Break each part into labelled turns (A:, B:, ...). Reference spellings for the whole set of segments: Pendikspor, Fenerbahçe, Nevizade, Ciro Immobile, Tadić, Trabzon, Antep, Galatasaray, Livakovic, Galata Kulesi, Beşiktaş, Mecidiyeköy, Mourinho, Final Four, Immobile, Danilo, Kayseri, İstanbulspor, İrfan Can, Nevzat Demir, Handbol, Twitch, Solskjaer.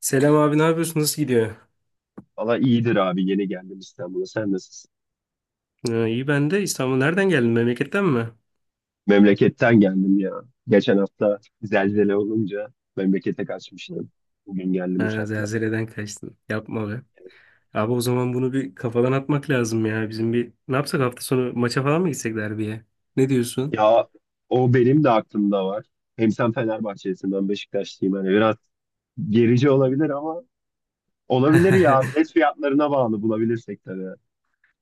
A: Selam abi ne yapıyorsun? Nasıl gidiyor?
B: Valla iyidir abi yeni geldim İstanbul'a. Sen nasılsın?
A: Ha, iyi ben de İstanbul. Nereden geldin? Memleketten mi?
B: Memleketten geldim ya. Geçen hafta zelzele olunca memlekete kaçmıştım. Bugün geldim
A: Ha,
B: uçakla.
A: zelzeleden kaçtın. Yapma be. Abi o zaman bunu bir kafadan atmak lazım ya. Bizim bir ne yapsak hafta sonu maça falan mı gitsek derbiye? Ne diyorsun?
B: Ya o benim de aklımda var. Hem sen Fenerbahçelisin ben Beşiktaşlıyım. Hani biraz gerici olabilir ama olabilir ya. Bilet fiyatlarına bağlı bulabilirsek tabii.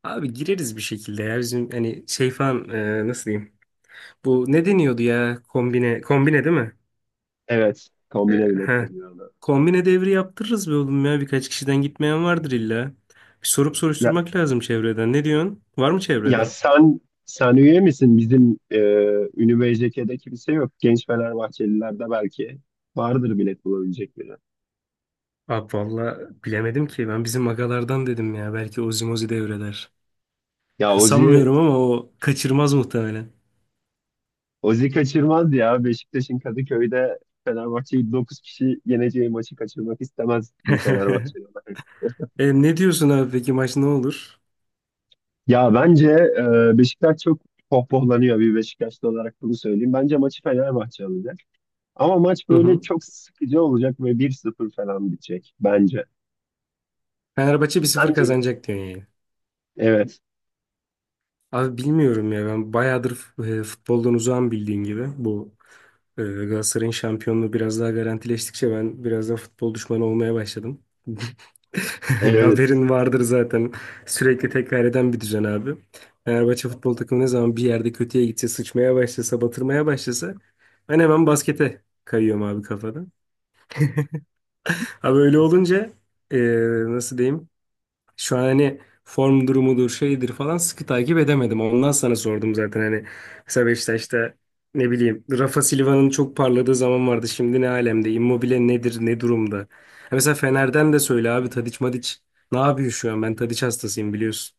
A: Abi gireriz bir şekilde ya. Bizim hani şey falan Nasıl diyeyim? Bu ne deniyordu ya? Kombine. Kombine değil mi?
B: Evet
A: E,
B: kombine bilet
A: he.
B: deniyor ona.
A: Kombine devri yaptırırız be oğlum ya. Birkaç kişiden gitmeyen vardır illa. Bir sorup soruşturmak lazım çevreden. Ne diyorsun? Var mı
B: Ya
A: çevrede?
B: sen üye misin? Bizim Ünlü BJK'de kimse yok. Genç Fenerbahçelilerde belki vardır bilet bulabilecek biri.
A: Abi valla bilemedim ki. Ben bizim agalardan dedim ya. Belki Ozi devreler.
B: Ya Ozi,
A: Sanmıyorum ama o kaçırmaz muhtemelen.
B: Ozi kaçırmaz ya. Beşiktaş'ın Kadıköy'de Fenerbahçe'yi 9 kişi yeneceği maçı kaçırmak istemez bir Fenerbahçeli olarak.
A: Ne diyorsun abi peki maç ne olur?
B: Ya bence Beşiktaş çok pohpohlanıyor, bir Beşiktaşlı olarak bunu söyleyeyim. Bence maçı Fenerbahçe alacak. Ama maç
A: Hı
B: böyle
A: hı.
B: çok sıkıcı olacak ve bir sıfır falan bitecek bence.
A: Fenerbahçe 1-0
B: Bence.
A: kazanacak diyorsun yani.
B: Evet.
A: Abi bilmiyorum ya ben bayağıdır futboldan uzağım bildiğin gibi. Bu Galatasaray'ın şampiyonluğu biraz daha garantileştikçe ben biraz da futbol düşmanı olmaya başladım.
B: Evet.
A: Haberin vardır zaten. Sürekli tekrar eden bir düzen abi. Fenerbahçe futbol takımı ne zaman bir yerde kötüye gitse, sıçmaya başlasa, batırmaya başlasa ben hemen baskete kayıyorum abi kafada. Abi öyle olunca ee, nasıl diyeyim? Şu an hani form durumudur, şeydir falan sıkı takip edemedim. Ondan sana sordum zaten hani mesela Beşiktaş'ta ne bileyim Rafa Silva'nın çok parladığı zaman vardı. Şimdi ne alemde? Immobile nedir? Ne durumda? Ha, mesela Fener'den de söyle abi Tadiç Madiç ne yapıyor şu an? Ben Tadiç hastasıyım biliyorsun.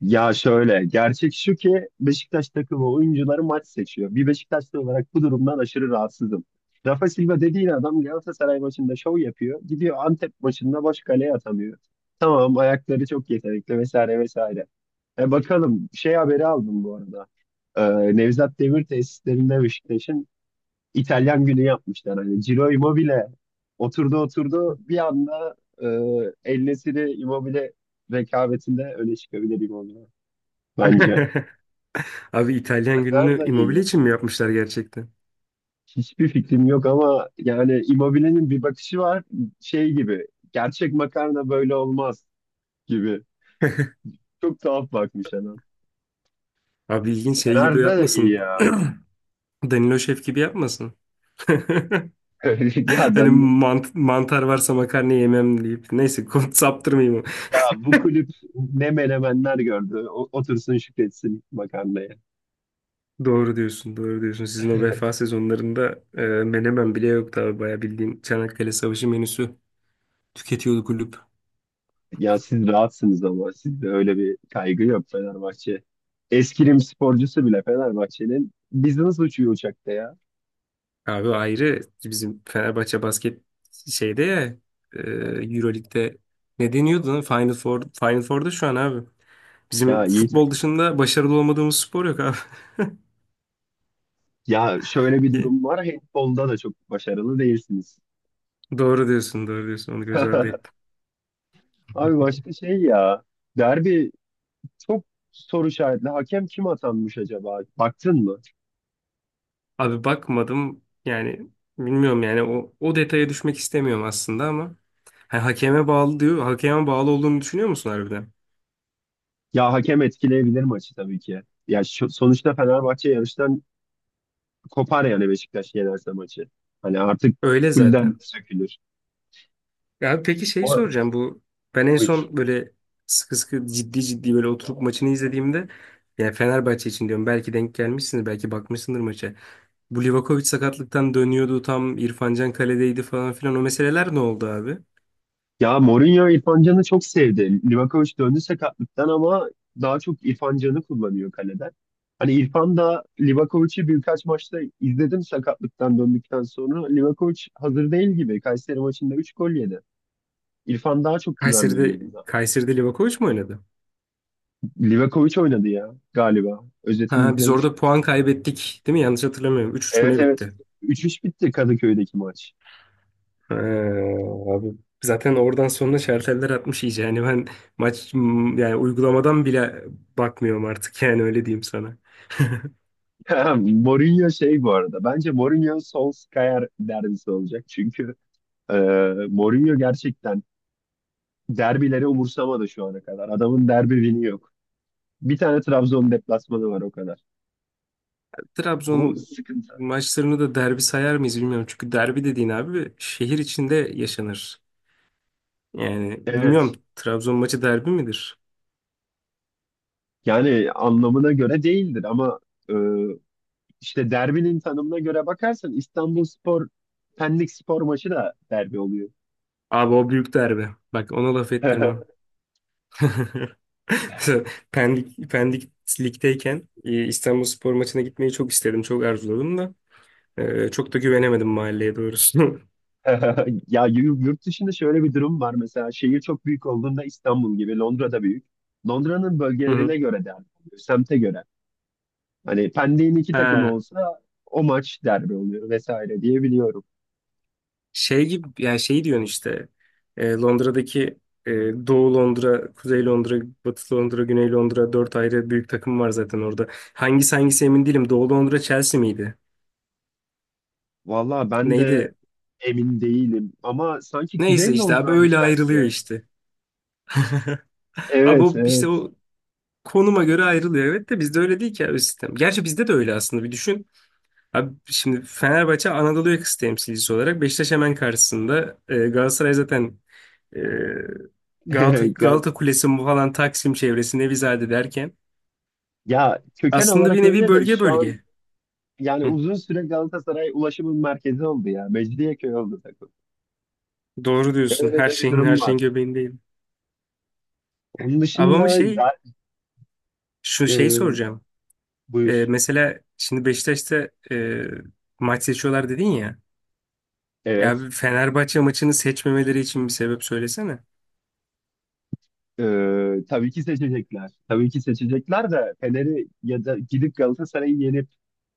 B: Ya şöyle, gerçek şu ki Beşiktaş takımı oyuncuları maç seçiyor. Bir Beşiktaşlı olarak bu durumdan aşırı rahatsızım. Rafa Silva dediğin adam Galatasaray maçında şov yapıyor. Gidiyor Antep maçında boş kaleye atamıyor. Tamam, ayakları çok yetenekli vesaire vesaire. E bakalım, şey haberi aldım bu arada. Nevzat Demir tesislerinde Beşiktaş'ın İtalyan günü yapmışlar. Hani Ciro Immobile oturdu oturdu bir anda, e, El Nesiri Immobile rekabetinde öne çıkabilir Immobile bence.
A: Abi İtalyan
B: Fener
A: gününü
B: de iyi
A: Immobile
B: ya.
A: için mi yapmışlar gerçekten?
B: Hiçbir fikrim yok ama yani Immobile'nin bir bakışı var şey gibi. Gerçek makarna böyle olmaz gibi. Çok tuhaf bakmış adam.
A: Abi ilginç şey gibi
B: Fener de iyi
A: yapmasın.
B: ya.
A: Danilo Şef gibi yapmasın.
B: Ya
A: Hani
B: ben,
A: mantar varsa makarna yemem deyip. Neyse konu saptırmayayım.
B: ya bu kulüp ne menemenler gördü. Otursun şükretsin makarnaya.
A: Doğru diyorsun, doğru diyorsun. Sizin o vefa sezonlarında menemen bile yoktu abi. Bayağı bildiğin Çanakkale Savaşı menüsü tüketiyordu kulüp.
B: Ya siz rahatsınız ama sizde öyle bir kaygı yok Fenerbahçe. Eskirim sporcusu bile Fenerbahçe'nin biz nasıl uçuyor uçakta ya?
A: Abi o ayrı bizim Fenerbahçe basket şeyde ya, e, Euroleague'de ne deniyordu lan? Final Four'da şu an abi. Bizim
B: Ya iyi,
A: futbol dışında başarılı olmadığımız spor yok abi.
B: ya şöyle bir durum var. Handbolda da çok başarılı değilsiniz.
A: Doğru diyorsun, doğru diyorsun. Onu göz ardı ettim.
B: Abi başka şey ya. Derbi çok soru işaretli. Hakem kim atanmış acaba? Baktın mı?
A: Abi bakmadım yani, bilmiyorum yani, o detaya düşmek istemiyorum aslında ama. Ha, hakeme bağlı diyor. Hakeme bağlı olduğunu düşünüyor musun harbiden?
B: Ya hakem etkileyebilir maçı tabii ki. Sonuçta Fenerbahçe yarıştan kopar yani Beşiktaş yenerse maçı. Hani artık
A: Öyle
B: fullden
A: zaten.
B: sökülür.
A: Ya peki şeyi
B: Bu arada.
A: soracağım, bu ben en
B: Buyur.
A: son böyle sıkı sıkı ciddi ciddi böyle oturup maçını izlediğimde, yani Fenerbahçe için diyorum, belki denk gelmişsindir, belki bakmışsındır maça. Bu Livakovic sakatlıktan dönüyordu, tam İrfan Can kaledeydi falan filan, o meseleler ne oldu abi?
B: Ya Mourinho İrfan Can'ı çok sevdi. Livakovic döndü sakatlıktan ama daha çok İrfan Can'ı kullanıyor kaleden. Hani İrfan da Livakovic'i birkaç maçta izledim sakatlıktan döndükten sonra. Livakovic hazır değil gibi. Kayseri maçında 3 gol yedi. İrfan daha çok güven veriyor
A: Kayseri'de
B: bana.
A: Kayseri'de Livakovic mi oynadı?
B: Livakovic oynadı ya galiba. Özetini
A: Ha, biz
B: izlemiştim.
A: orada puan kaybettik değil mi? Yanlış hatırlamıyorum. Üç üç mü
B: Evet,
A: ne
B: evet.
A: bitti?
B: 3-3 bitti Kadıköy'deki maç.
A: Ha, abi zaten oradan sonra şarteller atmış iyice. Yani ben yani uygulamadan bile bakmıyorum artık, yani öyle diyeyim sana.
B: Mourinho şey bu arada. Bence Mourinho Solskjaer derbisi olacak. Çünkü ee, Mourinho gerçekten derbileri umursamadı şu ana kadar. Adamın derbi win'i yok. Bir tane Trabzon deplasmanı var o kadar. Bu
A: Trabzon
B: sıkıntı.
A: maçlarını da derbi sayar mıyız bilmiyorum. Çünkü derbi dediğin abi şehir içinde yaşanır. Yani
B: Evet.
A: bilmiyorum, Trabzon maçı derbi midir?
B: Yani anlamına göre değildir ama e, işte derbinin tanımına göre bakarsan İstanbulspor Pendikspor maçı da derbi oluyor.
A: Abi o büyük derbi. Bak ona laf ettirmem. Pendik'teyken İstanbulspor maçına gitmeyi çok istedim, çok arzuladım da çok da güvenemedim mahalleye doğrusu.
B: Yurt dışında şöyle bir durum var. Mesela şehir çok büyük olduğunda İstanbul gibi Londra'da büyük. Londra'nın
A: Hı hı.
B: bölgelerine göre derbi oluyor. Semte göre. Hani Pendik'in iki takımı
A: Ha,
B: olsa o maç derbi oluyor vesaire diye biliyorum.
A: şey gibi yani, şey diyorsun işte, Londra'daki e, Doğu Londra, Kuzey Londra, Batı Londra, Güney Londra, dört ayrı büyük takım var zaten orada. Hangisi emin değilim. Doğu Londra Chelsea miydi?
B: Valla ben de
A: Neydi?
B: emin değilim ama sanki
A: Neyse
B: Kuzey
A: işte abi,
B: Londra'ydı
A: öyle
B: Chelsea
A: ayrılıyor
B: yani.
A: işte. Abi
B: Evet,
A: o, işte
B: evet.
A: o konuma göre ayrılıyor. Evet de bizde öyle değil ki abi sistem. Gerçi bizde de öyle aslında, bir düşün. Abi şimdi Fenerbahçe Anadolu yakası temsilcisi olarak Beşiktaş hemen karşısında. Galatasaray zaten e,
B: Gal-,
A: Galata Kulesi bu falan, Taksim çevresi, Nevizade derken,
B: ya köken
A: aslında
B: olarak
A: bir nevi
B: öyle de
A: bölge
B: şu an
A: bölge.
B: yani
A: Hı,
B: uzun süre Galatasaray ulaşımın merkezi oldu ya. Mecidiyeköy oldu takım.
A: doğru diyorsun.
B: Öyle de bir
A: Her
B: durum var.
A: şeyin göbeğindeyim.
B: Onun
A: Ama ama
B: dışında
A: şey
B: da-
A: Şu şeyi
B: e,
A: soracağım.
B: buyur.
A: Mesela şimdi Beşiktaş'ta maç seçiyorlar dedin ya. Ya
B: Evet.
A: bir Fenerbahçe maçını seçmemeleri için bir sebep söylesene.
B: Tabii ki seçecekler. Tabii ki seçecekler de Fener'i, ya da gidip Galatasaray'ı yenip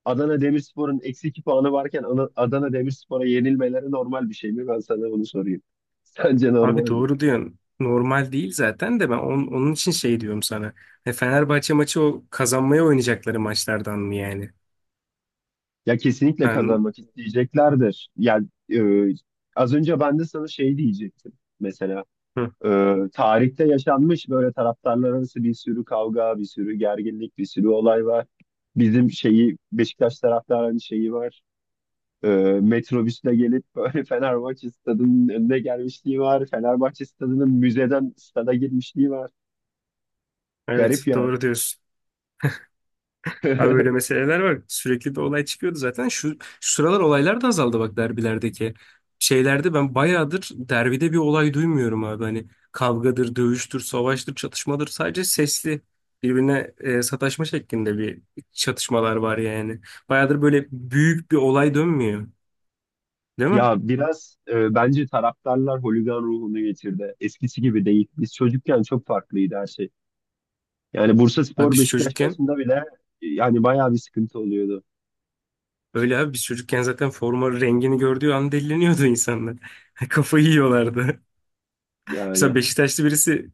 B: Adana Demirspor'un eksi 2 puanı varken Adana Demirspor'a yenilmeleri normal bir şey mi? Ben sana bunu sorayım. Sence normal
A: Abi
B: mi?
A: doğru diyorsun. Normal değil zaten, de ben onun için şey diyorum sana. Fenerbahçe maçı o kazanmaya oynayacakları maçlardan mı yani?
B: Ya kesinlikle
A: Ben,
B: kazanmak isteyeceklerdir. Yani az önce ben de sana şey diyecektim. Mesela
A: hı,
B: e, tarihte yaşanmış böyle taraftarlar arası bir sürü kavga, bir sürü gerginlik, bir sürü olay var. Bizim şeyi Beşiktaş taraftarının şeyi var. E, metrobüsle gelip böyle Fenerbahçe stadının önüne gelmişliği var. Fenerbahçe stadının müzeden stada girmişliği var.
A: evet
B: Garip yani.
A: doğru diyorsun. Abi böyle meseleler var. Sürekli bir olay çıkıyordu zaten. Şu sıralar olaylar da azaldı bak, derbilerdeki. Şeylerde ben bayağıdır derbide bir olay duymuyorum abi. Hani kavgadır, dövüştür, savaştır, çatışmadır. Sadece sesli birbirine sataşma şeklinde bir çatışmalar var yani. Bayağıdır böyle büyük bir olay dönmüyor. Değil mi?
B: Ya biraz bence taraftarlar holigan ruhunu getirdi. Eskisi gibi değil. Biz çocukken çok farklıydı her şey. Yani
A: Abi
B: Bursaspor
A: biz
B: Beşiktaş
A: çocukken
B: maçında bile yani bayağı bir sıkıntı oluyordu.
A: Öyle abi biz çocukken zaten forma rengini gördüğü an deliniyordu insanlar. Kafayı yiyorlardı. Mesela
B: Yani
A: Beşiktaşlı birisi,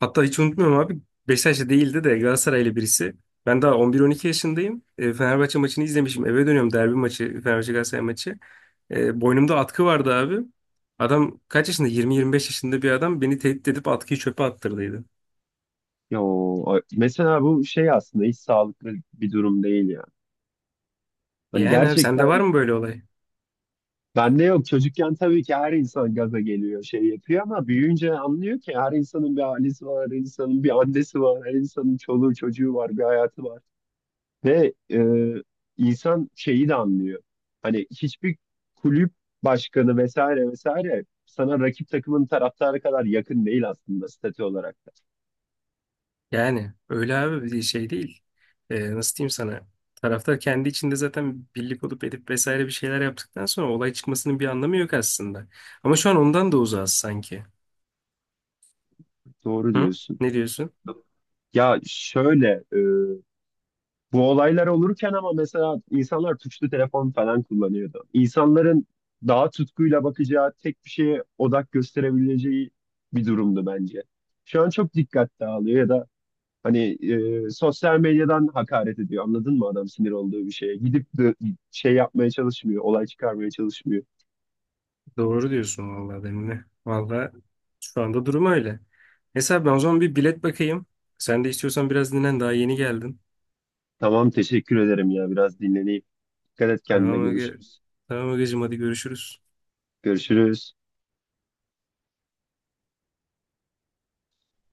A: hatta hiç unutmuyorum abi, Beşiktaşlı değildi de Galatasaraylı birisi. Ben daha 11-12 yaşındayım. Fenerbahçe maçını izlemişim. Eve dönüyorum, derbi maçı, Fenerbahçe Galatasaray maçı. Boynumda atkı vardı abi. Adam kaç yaşında? 20-25 yaşında bir adam beni tehdit edip atkıyı çöpe attırdıydı.
B: mesela bu şey aslında hiç sağlıklı bir durum değil ya. Hani
A: Yani abi, sende var
B: gerçekten
A: mı böyle olay?
B: bende yok. Çocukken tabii ki her insan gaza geliyor, şey yapıyor ama büyüyünce anlıyor ki her insanın bir ailesi var, her insanın bir annesi var, her insanın çoluğu çocuğu var, bir hayatı var. Ve insan şeyi de anlıyor. Hani hiçbir kulüp başkanı vesaire vesaire sana rakip takımın taraftarı kadar yakın değil aslında statü olarak da.
A: Yani öyle abi, bir şey değil. Nasıl diyeyim sana? Taraftar kendi içinde zaten birlik olup edip vesaire bir şeyler yaptıktan sonra olay çıkmasının bir anlamı yok aslında. Ama şu an ondan da uzağız sanki.
B: Doğru
A: Hı?
B: diyorsun.
A: Ne diyorsun?
B: Ya şöyle bu olaylar olurken ama mesela insanlar tuşlu telefon falan kullanıyordu. İnsanların daha tutkuyla bakacağı, tek bir şeye odak gösterebileceği bir durumdu bence. Şu an çok dikkat dağılıyor ya da hani sosyal medyadan hakaret ediyor. Anladın mı adam sinir olduğu bir şeye? Gidip de şey yapmaya çalışmıyor, olay çıkarmaya çalışmıyor.
A: Doğru diyorsun vallahi Demine. Vallahi şu anda durum öyle. Mesela ben o zaman bir bilet bakayım. Sen de istiyorsan biraz dinlen, daha yeni geldin.
B: Tamam teşekkür ederim ya, biraz dinleneyim. Dikkat et kendine,
A: Tamam Ege.
B: görüşürüz.
A: Tamam Ege'cim, hadi görüşürüz.
B: Görüşürüz.